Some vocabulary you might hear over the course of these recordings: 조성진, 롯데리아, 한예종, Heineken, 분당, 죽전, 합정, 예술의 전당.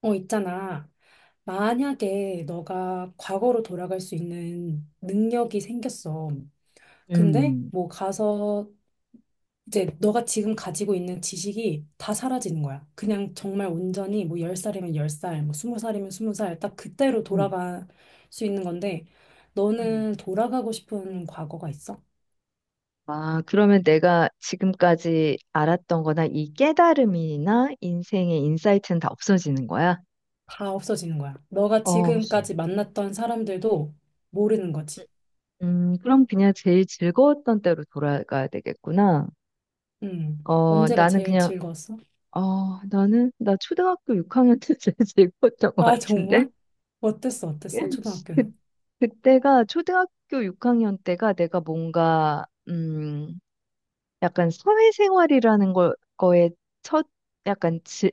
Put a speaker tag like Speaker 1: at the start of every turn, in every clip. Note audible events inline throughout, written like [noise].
Speaker 1: 있잖아. 만약에 너가 과거로 돌아갈 수 있는 능력이 생겼어. 근데
Speaker 2: 음,
Speaker 1: 뭐 가서 이제 너가 지금 가지고 있는 지식이 다 사라지는 거야. 그냥 정말 온전히 뭐 10살이면 10살, 뭐 20살이면 20살, 딱 그때로
Speaker 2: 음,
Speaker 1: 돌아갈 수 있는 건데,
Speaker 2: 음.
Speaker 1: 너는 돌아가고 싶은 과거가 있어?
Speaker 2: 아, 그러면 내가 지금까지 알았던 거나 이 깨달음이나 인생의 인사이트는 다 없어지는 거야?
Speaker 1: 다 없어지는 거야. 너가
Speaker 2: 어,
Speaker 1: 지금까지 만났던 사람들도 모르는 거지.
Speaker 2: 그럼 그냥 제일 즐거웠던 때로 돌아가야 되겠구나.
Speaker 1: 음.
Speaker 2: 어,
Speaker 1: 언제가
Speaker 2: 나는
Speaker 1: 제일
Speaker 2: 그냥,
Speaker 1: 즐거웠어?
Speaker 2: 어, 나는, 나 초등학교 6학년 때 [laughs] 제일 즐거웠던 것
Speaker 1: 아,
Speaker 2: 같은데?
Speaker 1: 정말? 어땠어, 어땠어,
Speaker 2: [laughs] 그,
Speaker 1: 초등학교는?
Speaker 2: 그때가, 초등학교 6학년 때가 내가 뭔가, 약간 사회생활이라는 거에 첫 약간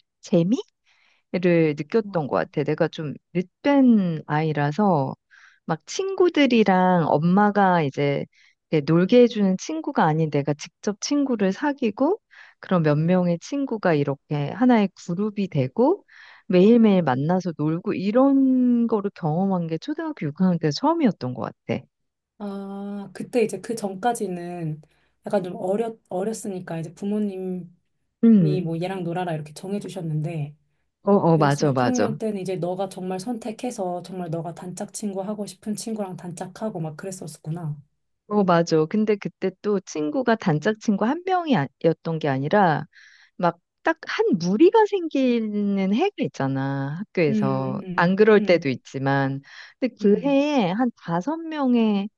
Speaker 2: 재미를 느꼈던 것 같아. 내가 좀 늦된 아이라서 막 친구들이랑 엄마가 이제 이렇게 놀게 해주는 친구가 아닌 내가 직접 친구를 사귀고 그런 몇 명의 친구가 이렇게 하나의 그룹이 되고 매일매일 만나서 놀고 이런 거를 경험한 게 초등학교 6학년 때 처음이었던 것 같아.
Speaker 1: 아, 그때 이제 그 전까지는 약간 좀 어렸으니까 이제 부모님이
Speaker 2: 음.
Speaker 1: 뭐 얘랑 놀아라 이렇게 정해주셨는데,
Speaker 2: 어, 어, 맞아, 맞아.
Speaker 1: 6학년 때는 이제 너가 정말 선택해서 정말 너가 단짝 친구 하고 싶은 친구랑 단짝하고 막 그랬었구나.
Speaker 2: 어, 맞아. 근데 그때 또 친구가 단짝 친구 한 명이었던 게 아니라 막 딱 한 무리가 생기는 해가 있잖아.
Speaker 1: 음,
Speaker 2: 학교에서. 안
Speaker 1: 음,
Speaker 2: 그럴 때도
Speaker 1: 음,
Speaker 2: 있지만. 근데 그
Speaker 1: 음,
Speaker 2: 해에 한 다섯 명의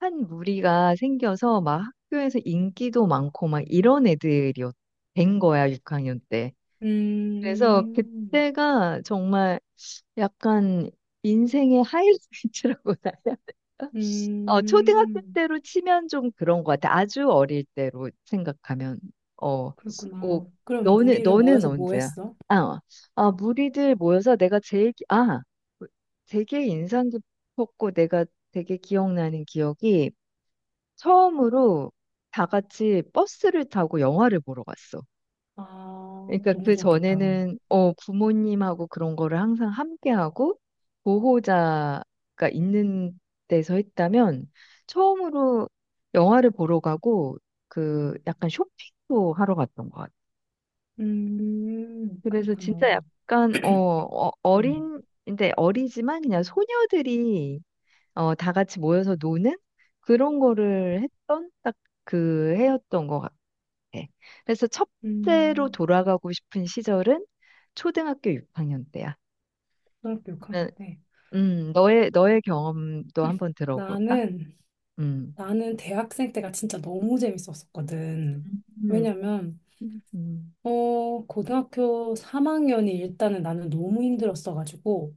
Speaker 2: 한 무리가 생겨서 막 학교에서 인기도 많고 막 이런 애들이 된 거야, 6학년 때. 그래서
Speaker 1: 음,
Speaker 2: 그때가 정말 약간 인생의 하이라이트라고 [laughs] 나야. 어, 초등학교
Speaker 1: 음,
Speaker 2: 때로 치면 좀 그런 것 같아. 아주 어릴 때로 생각하면. 어,
Speaker 1: 그렇구나.
Speaker 2: 뭐,
Speaker 1: 그럼
Speaker 2: 너는,
Speaker 1: 무리를
Speaker 2: 너는
Speaker 1: 모여서 뭐
Speaker 2: 언제야?
Speaker 1: 했어?
Speaker 2: 아, 아, 무리들 모여서 내가 제일, 아, 되게 인상 깊었고 내가 되게 기억나는 기억이 처음으로 다 같이 버스를 타고 영화를 보러 갔어.
Speaker 1: 아,
Speaker 2: 그러니까
Speaker 1: 너무
Speaker 2: 그
Speaker 1: 좋았겠다.
Speaker 2: 전에는 부모님하고 그런 거를 항상 함께하고 보호자가 있는 데서 했다면 처음으로 영화를 보러 가고 그 약간 쇼핑도 하러 갔던 것 같아. 그래서
Speaker 1: 그랬구나.
Speaker 2: 진짜 약간
Speaker 1: 음.
Speaker 2: 어린 근데 어리지만 그냥 소녀들이 다 같이 모여서 노는 그런 거를 했던 딱 그 해였던 것 같아. 네. 그래서 첫째로
Speaker 1: 음,
Speaker 2: 돌아가고 싶은 시절은 초등학교 6학년 때야.
Speaker 1: 초등학교
Speaker 2: 그러면,
Speaker 1: 6학년 때.
Speaker 2: 너의 경험도 한번 들어볼까?
Speaker 1: 나는,
Speaker 2: 음.
Speaker 1: 나는 대학생 때가 진짜 너무 재밌었었거든.
Speaker 2: 음,
Speaker 1: 왜냐면,
Speaker 2: 음,
Speaker 1: 고등학교 3학년이 일단은 나는 너무 힘들었어가지고,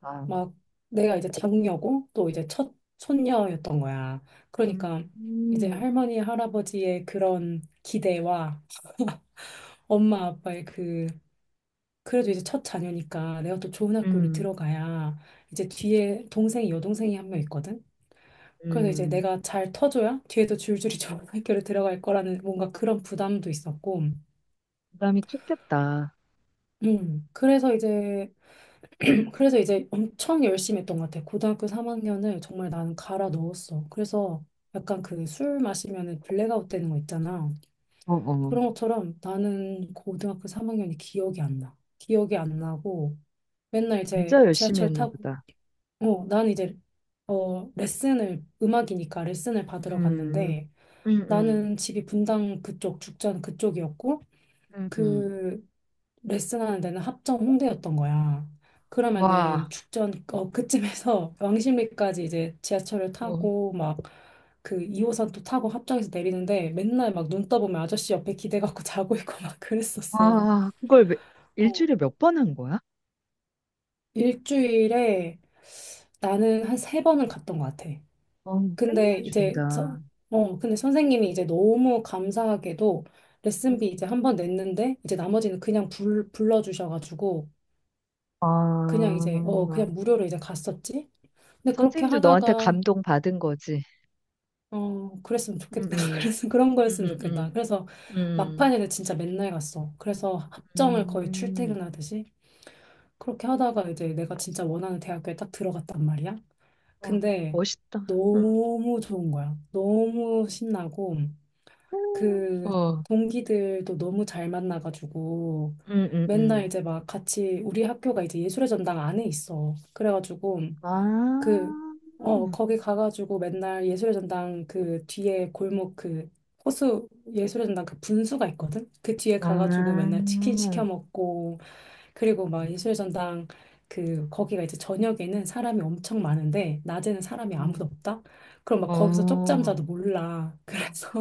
Speaker 2: 아,
Speaker 1: 막 내가 이제 장녀고, 또 이제 첫 손녀였던 거야.
Speaker 2: 음,
Speaker 1: 그러니까 이제
Speaker 2: 음,
Speaker 1: 할머니, 할아버지의 그런 기대와 엄마, 아빠의 그 그래도 이제 첫 자녀니까 내가 또 좋은 학교를
Speaker 2: 음,
Speaker 1: 들어가야 이제 뒤에 동생이 여동생이 한 명 있거든. 그래서 이제
Speaker 2: 음.
Speaker 1: 내가 잘 터줘야 뒤에도 줄줄이 [laughs] 좋은 학교를 들어갈 거라는 뭔가 그런 부담도 있었고.
Speaker 2: 부담이 컸겠다.
Speaker 1: 그래서 이제, 엄청 열심히 했던 것 같아. 고등학교 3학년을 정말 나는 갈아 넣었어. 그래서 약간 그 술 마시면은 블랙아웃 되는 거 있잖아.
Speaker 2: 어, 어.
Speaker 1: 그런 것처럼 나는 고등학교 3학년이 기억이 안 나. 기억이 안 나고 맨날
Speaker 2: 진짜
Speaker 1: 이제
Speaker 2: 열심히
Speaker 1: 지하철
Speaker 2: 했나
Speaker 1: 타고
Speaker 2: 보다.
Speaker 1: 나는 이제 레슨을, 음악이니까 레슨을 받으러
Speaker 2: 음,
Speaker 1: 갔는데
Speaker 2: 음, 음,
Speaker 1: 나는 집이 분당 그쪽, 죽전 그쪽이었고
Speaker 2: 음, 음.
Speaker 1: 그 레슨하는 데는 합정 홍대였던 거야. 그러면은
Speaker 2: 와,
Speaker 1: 죽전, 그쯤에서 [laughs] 왕십리까지 이제 지하철을
Speaker 2: 어,
Speaker 1: 타고 막 그 2호선 또 타고 합정에서 내리는데 맨날 막 눈 떠보면 아저씨 옆에 기대갖고 [laughs] 자고 있고 막 그랬었어.
Speaker 2: 와, 그걸
Speaker 1: 어,
Speaker 2: 일주일에 몇 번 한 거야?
Speaker 1: 일주일에 나는 한 세 번은 갔던 것 같아.
Speaker 2: 어,
Speaker 1: 근데 이제
Speaker 2: 끝내준다.
Speaker 1: 저, 어, 근데 선생님이 이제 너무 감사하게도 레슨비 이제 한번 냈는데 이제 나머지는 그냥 불러주셔가지고 그냥 이제
Speaker 2: 아,
Speaker 1: 그냥 무료로 이제 갔었지. 근데 그렇게
Speaker 2: 선생님도 너한테
Speaker 1: 하다가
Speaker 2: 감동받은 거지.
Speaker 1: 그랬으면
Speaker 2: 음,
Speaker 1: 좋겠다. [laughs]
Speaker 2: 음,
Speaker 1: 그래서 그런 거였으면
Speaker 2: 음,
Speaker 1: 좋겠다.
Speaker 2: 음,
Speaker 1: 그래서
Speaker 2: 음,
Speaker 1: 막판에는 진짜 맨날 갔어. 그래서 합정을
Speaker 2: 음,
Speaker 1: 거의
Speaker 2: 음.
Speaker 1: 출퇴근하듯이 그렇게 하다가 이제 내가 진짜 원하는 대학교에 딱 들어갔단 말이야.
Speaker 2: 와,
Speaker 1: 근데
Speaker 2: 멋있다. 응.
Speaker 1: 너무 좋은 거야. 너무 신나고. 그
Speaker 2: 어,
Speaker 1: 동기들도 너무 잘 만나가지고
Speaker 2: 음, 음,
Speaker 1: 맨날
Speaker 2: 음.
Speaker 1: 이제 막 같이 우리 학교가 이제 예술의 전당 안에 있어. 그래가지고
Speaker 2: 아,
Speaker 1: 그, 거기 가가지고 맨날 예술의 전당 그 뒤에 골목 그 호수 예술의 전당 그 분수가 있거든? 그 뒤에 가가지고
Speaker 2: 아,
Speaker 1: 맨날 치킨 시켜 먹고 그리고 막
Speaker 2: 음,
Speaker 1: 예술의 전당 그 거기가 이제 저녁에는 사람이 엄청 많은데 낮에는 사람이 아무도 없다? 그럼 막 거기서
Speaker 2: 어,
Speaker 1: 쪽잠자도 몰라. [laughs] 그래서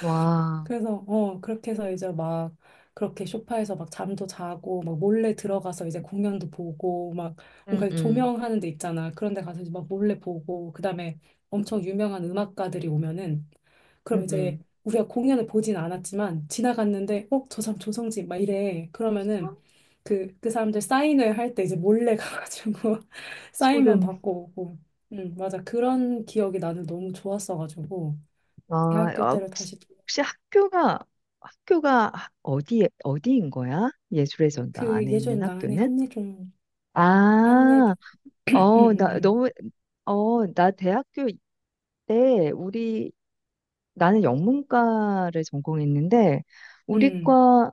Speaker 2: 와,
Speaker 1: 그래서 그렇게 해서 이제 막 그렇게 소파에서 막 잠도 자고 막 몰래 들어가서 이제 공연도 보고 막
Speaker 2: 음,
Speaker 1: 뭔가
Speaker 2: 음,
Speaker 1: 조명하는 데 있잖아 그런 데 가서 이제 막 몰래 보고 그다음에 엄청 유명한 음악가들이 오면은
Speaker 2: 음,
Speaker 1: 그럼 이제
Speaker 2: 음.
Speaker 1: 우리가 공연을 보진 않았지만 지나갔는데 어 저 사람 조성진 막 이래 그러면은 그 그 사람들 사인회 할 때 이제 몰래 [laughs] 가가지고 사인만
Speaker 2: 소름.
Speaker 1: 받고 오고 맞아, 그런 기억이 나는 너무 좋았어가지고
Speaker 2: 아,
Speaker 1: 대학교
Speaker 2: 아,
Speaker 1: 때를
Speaker 2: 혹시,
Speaker 1: 다시
Speaker 2: 혹시 학교가 어디에, 어디인 거야? 예술의 전당
Speaker 1: 그
Speaker 2: 안에 있는
Speaker 1: 예전에 나한
Speaker 2: 학교는?
Speaker 1: 한예종
Speaker 2: 아,
Speaker 1: 한예종 [clears throat] 음,
Speaker 2: 어, 나
Speaker 1: 음,
Speaker 2: 너무, 나 대학교 때 나는 영문과를 전공했는데, 우리
Speaker 1: 음.
Speaker 2: 과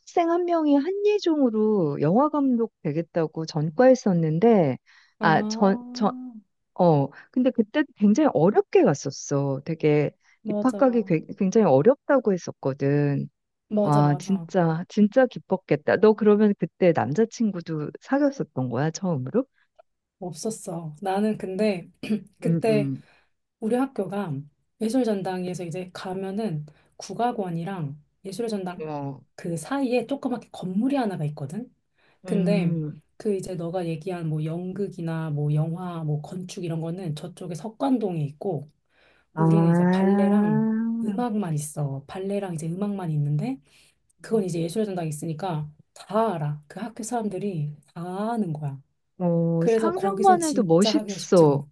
Speaker 2: 학생 한 명이 한예종으로 영화 감독 되겠다고 전과했었는데,
Speaker 1: 아,
Speaker 2: 아, 근데 그때 굉장히 어렵게 갔었어. 되게 입학하기
Speaker 1: 맞아,
Speaker 2: 굉장히 어렵다고 했었거든.
Speaker 1: 맞아,
Speaker 2: 와,
Speaker 1: 맞아.
Speaker 2: 진짜, 진짜 기뻤겠다. 너 그러면 그때 남자친구도 사귀었었던 거야, 처음으로?
Speaker 1: 없었어 나는 근데
Speaker 2: 음,
Speaker 1: 그때
Speaker 2: 음.
Speaker 1: 우리 학교가 예술전당에서 이제 가면은 국악원이랑 예술 전당
Speaker 2: 어.
Speaker 1: 그 사이에 조그맣게 건물이 하나가 있거든. 근데
Speaker 2: 음,
Speaker 1: 그 이제 너가 얘기한 뭐 연극이나 뭐 영화 뭐 건축 이런 거는 저쪽에 석관동에 있고 우리는 이제
Speaker 2: 아,
Speaker 1: 발레랑 음악만 있어. 발레랑 이제 음악만 있는데 그건 이제 예술의 전당이 있으니까 다 알아. 그 학교 사람들이 다 아는 거야.
Speaker 2: 어,
Speaker 1: 그래서 거기서
Speaker 2: 상상만 해도
Speaker 1: 진짜 하기가 쉽지
Speaker 2: 멋있어.
Speaker 1: 않아.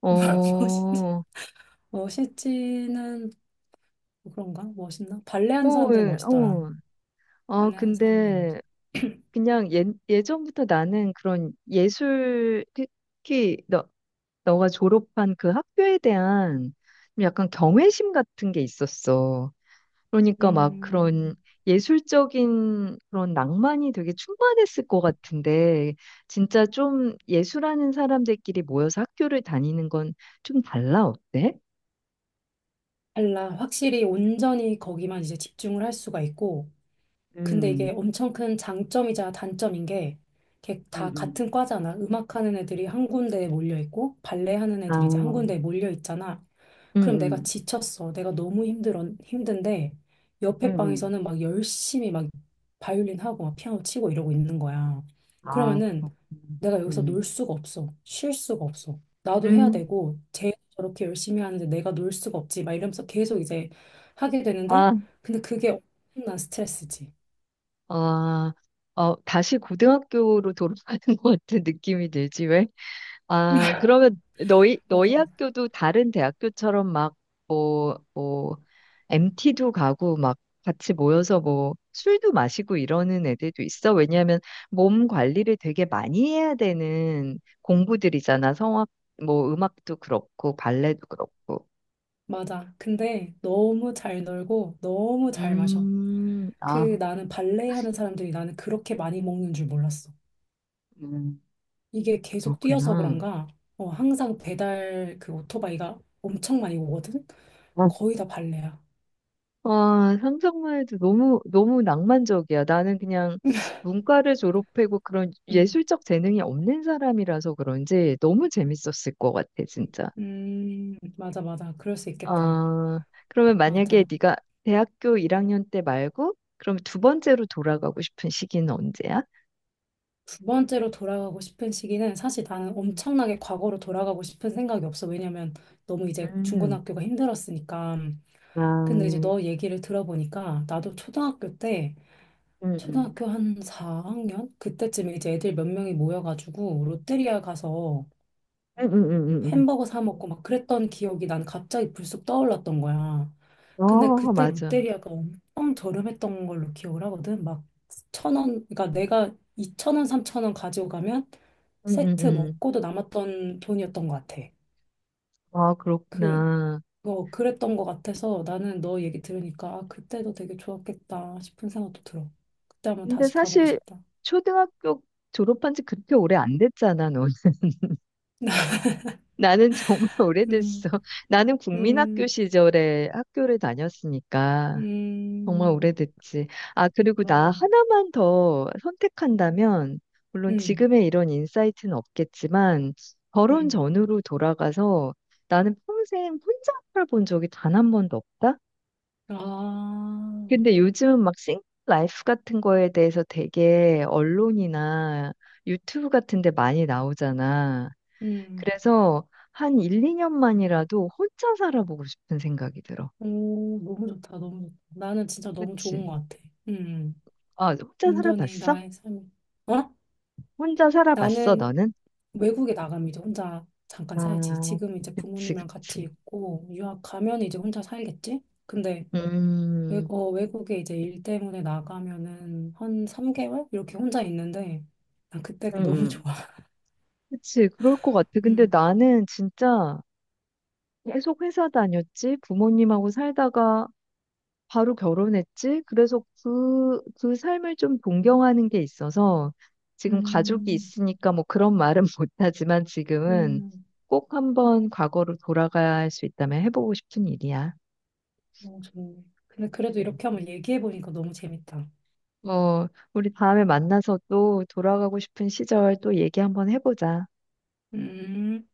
Speaker 2: 어,
Speaker 1: [laughs] 멋있지?
Speaker 2: 어,
Speaker 1: 멋있지는 뭐 그런가? 멋있나? 발레 하는 사람들은
Speaker 2: 예,
Speaker 1: 멋있더라.
Speaker 2: 어. 아,
Speaker 1: 발레 하는 사람들은 멋있.
Speaker 2: 근데 그냥 예전부터 나는 그런 예술, 특히 너가 졸업한 그 학교에 대한 좀 약간 경외심 같은 게 있었어. 그러니까 막 그런
Speaker 1: 음,
Speaker 2: 예술적인 그런 낭만이 되게 충만했을 것 같은데, 진짜 좀 예술하는 사람들끼리 모여서 학교를 다니는 건 좀 달라, 어때?
Speaker 1: 달라. 확실히 온전히 거기만 이제 집중을 할 수가 있고 근데 이게
Speaker 2: 음,
Speaker 1: 엄청 큰 장점이자 단점인 게, 이렇게
Speaker 2: 음,
Speaker 1: 다
Speaker 2: 음,
Speaker 1: 같은 과잖아. 음악하는 애들이 한 군데에 몰려 있고, 발레 하는
Speaker 2: 아,
Speaker 1: 애들이 이제 한 군데에 몰려 있잖아.
Speaker 2: 응,
Speaker 1: 그럼 내가
Speaker 2: 응,
Speaker 1: 지쳤어. 내가 너무 힘들어, 힘든데,
Speaker 2: 음,
Speaker 1: 옆에
Speaker 2: 음.
Speaker 1: 방에서는 막 열심히 막 바이올린 하고, 막 피아노 치고 이러고 있는 거야.
Speaker 2: 아,
Speaker 1: 그러면은
Speaker 2: 그렇구나.
Speaker 1: 내가 여기서 놀
Speaker 2: 응.
Speaker 1: 수가 없어. 쉴 수가 없어. 나도 해야
Speaker 2: 음,
Speaker 1: 되고, 쟤 저렇게 열심히 하는데 내가 놀 수가 없지. 막 이러면서 계속 이제 하게 되는데,
Speaker 2: 아,
Speaker 1: 근데 그게 엄청난 스트레스지.
Speaker 2: 아, 어, 다시 고등학교로 돌아가는 [laughs] 것 같은 느낌이 들지, 왜? 아, 그러면 너희,
Speaker 1: 맞아,
Speaker 2: 너희
Speaker 1: 맞아.
Speaker 2: 학교도 다른 대학교처럼 막, 뭐, MT도 가고 막 같이 모여서 뭐 술도 마시고 이러는 애들도 있어. 왜냐하면 몸 관리를 되게 많이 해야 되는 공부들이잖아. 성악, 뭐 음악도 그렇고, 발레도 그렇고.
Speaker 1: 근데 너무 잘 놀고 너무 잘 마셔. 그
Speaker 2: 아,
Speaker 1: 나는 발레 하는 사람들이 나는 그렇게 많이 먹는 줄 몰랐어.
Speaker 2: 음.
Speaker 1: 이게 계속 뛰어서
Speaker 2: 그렇구나.
Speaker 1: 그런가? 항상 배달 그 오토바이가 엄청 많이 오거든? 거의 다 발레야.
Speaker 2: 와, 상상만 해도 너무, 너무 낭만적이야. 나는 그냥 문과를 졸업하고 그런
Speaker 1: 음,
Speaker 2: 예술적 재능이 없는 사람이라서 그런지 너무 재밌었을 것 같아, 진짜.
Speaker 1: 맞아, 맞아. 그럴 수 있겠다.
Speaker 2: 아, 그러면 만약에
Speaker 1: 맞아.
Speaker 2: 네가 대학교 1학년 때 말고, 그럼 두 번째로 돌아가고 싶은 시기는 언제야?
Speaker 1: 두 번째로 돌아가고 싶은 시기는 사실 나는 엄청나게 과거로 돌아가고 싶은 생각이 없어. 왜냐면 너무 이제
Speaker 2: 음,
Speaker 1: 중고등학교가 힘들었으니까.
Speaker 2: 아,
Speaker 1: 근데 이제 너 얘기를 들어보니까 나도 초등학교 때
Speaker 2: 음,
Speaker 1: 초등학교 한 4학년 그때쯤에 이제 애들 몇 명이 모여가지고 롯데리아 가서
Speaker 2: 음.
Speaker 1: 햄버거 사 먹고 막 그랬던 기억이 난 갑자기 불쑥 떠올랐던 거야.
Speaker 2: 음.
Speaker 1: 근데
Speaker 2: 어,
Speaker 1: 그때
Speaker 2: 맞아.
Speaker 1: 롯데리아가 엄청 저렴했던 걸로 기억을 하거든. 막 1,000원, 그러니까 내가 2천 원, 3천 원 가지고 가면
Speaker 2: 음, 음,
Speaker 1: 세트
Speaker 2: 음.
Speaker 1: 먹고도 남았던 돈이었던 것 같아.
Speaker 2: 아,
Speaker 1: 그,
Speaker 2: 그렇구나.
Speaker 1: 그랬던 것 같아서 나는 너 얘기 들으니까 아, 그때도 되게 좋았겠다 싶은 생각도 들어. 그때 한번
Speaker 2: 근데
Speaker 1: 다시 가보고
Speaker 2: 사실
Speaker 1: 싶다.
Speaker 2: 초등학교 졸업한 지 그렇게 오래 안 됐잖아, 넌. [laughs] 나는 정말
Speaker 1: 음,
Speaker 2: 오래됐어. 나는 국민학교
Speaker 1: 음,
Speaker 2: 시절에 학교를 다녔으니까 정말
Speaker 1: 음,
Speaker 2: 오래됐지. 아, 그리고 나
Speaker 1: 맞아.
Speaker 2: 하나만 더 선택한다면, 물론
Speaker 1: 음,
Speaker 2: 지금의 이런 인사이트는 없겠지만, 결혼
Speaker 1: 음.
Speaker 2: 전으로 돌아가서 나는 평생 혼자 살아본 적이 단 한 번도 없다?
Speaker 1: 아,
Speaker 2: 근데 요즘 막 싱글 라이프 같은 거에 대해서 되게 언론이나 유튜브 같은 데 많이 나오잖아.
Speaker 1: 음.
Speaker 2: 그래서 한 1, 2년만이라도 혼자 살아보고 싶은 생각이 들어.
Speaker 1: 오, 너무 좋다, 너무 좋다. 나는 진짜 너무 좋은
Speaker 2: 그치?
Speaker 1: 것 같아. 음,
Speaker 2: 아, 혼자
Speaker 1: 온전히
Speaker 2: 살아봤어?
Speaker 1: 나의 삶이. 어?
Speaker 2: 혼자 살아봤어,
Speaker 1: 나는
Speaker 2: 너는?
Speaker 1: 외국에 나가면 이제 혼자 잠깐 살지.
Speaker 2: 아,
Speaker 1: 지금 이제
Speaker 2: 그치,
Speaker 1: 부모님이랑 같이
Speaker 2: 그치.
Speaker 1: 있고, 유학 가면 이제 혼자 살겠지? 근데
Speaker 2: 음,
Speaker 1: 외국, 외국에 이제 일 때문에 나가면은 한 3개월? 이렇게 혼자 있는데, 난
Speaker 2: 음,
Speaker 1: 그때가 [laughs] 너무
Speaker 2: 음.
Speaker 1: 좋아.
Speaker 2: 그치, 그럴 것 같아. 근데
Speaker 1: 음,
Speaker 2: 나는 진짜 계속 회사 다녔지, 부모님하고 살다가 바로 결혼했지. 그래서 그 삶을 좀 동경하는 게 있어서 지금 가족이
Speaker 1: 음,
Speaker 2: 있으니까 뭐 그런 말은 [laughs] 못하지만 지금은
Speaker 1: 음,
Speaker 2: 꼭 한번 과거로 돌아갈 수 있다면 해보고 싶은 일이야.
Speaker 1: 너무 좋네. 근데 그래도 이렇게 한번 얘기해보니까 너무 재밌다.
Speaker 2: 뭐, 우리 다음에 만나서 또 돌아가고 싶은 시절 또 얘기 한번 해보자.
Speaker 1: 음.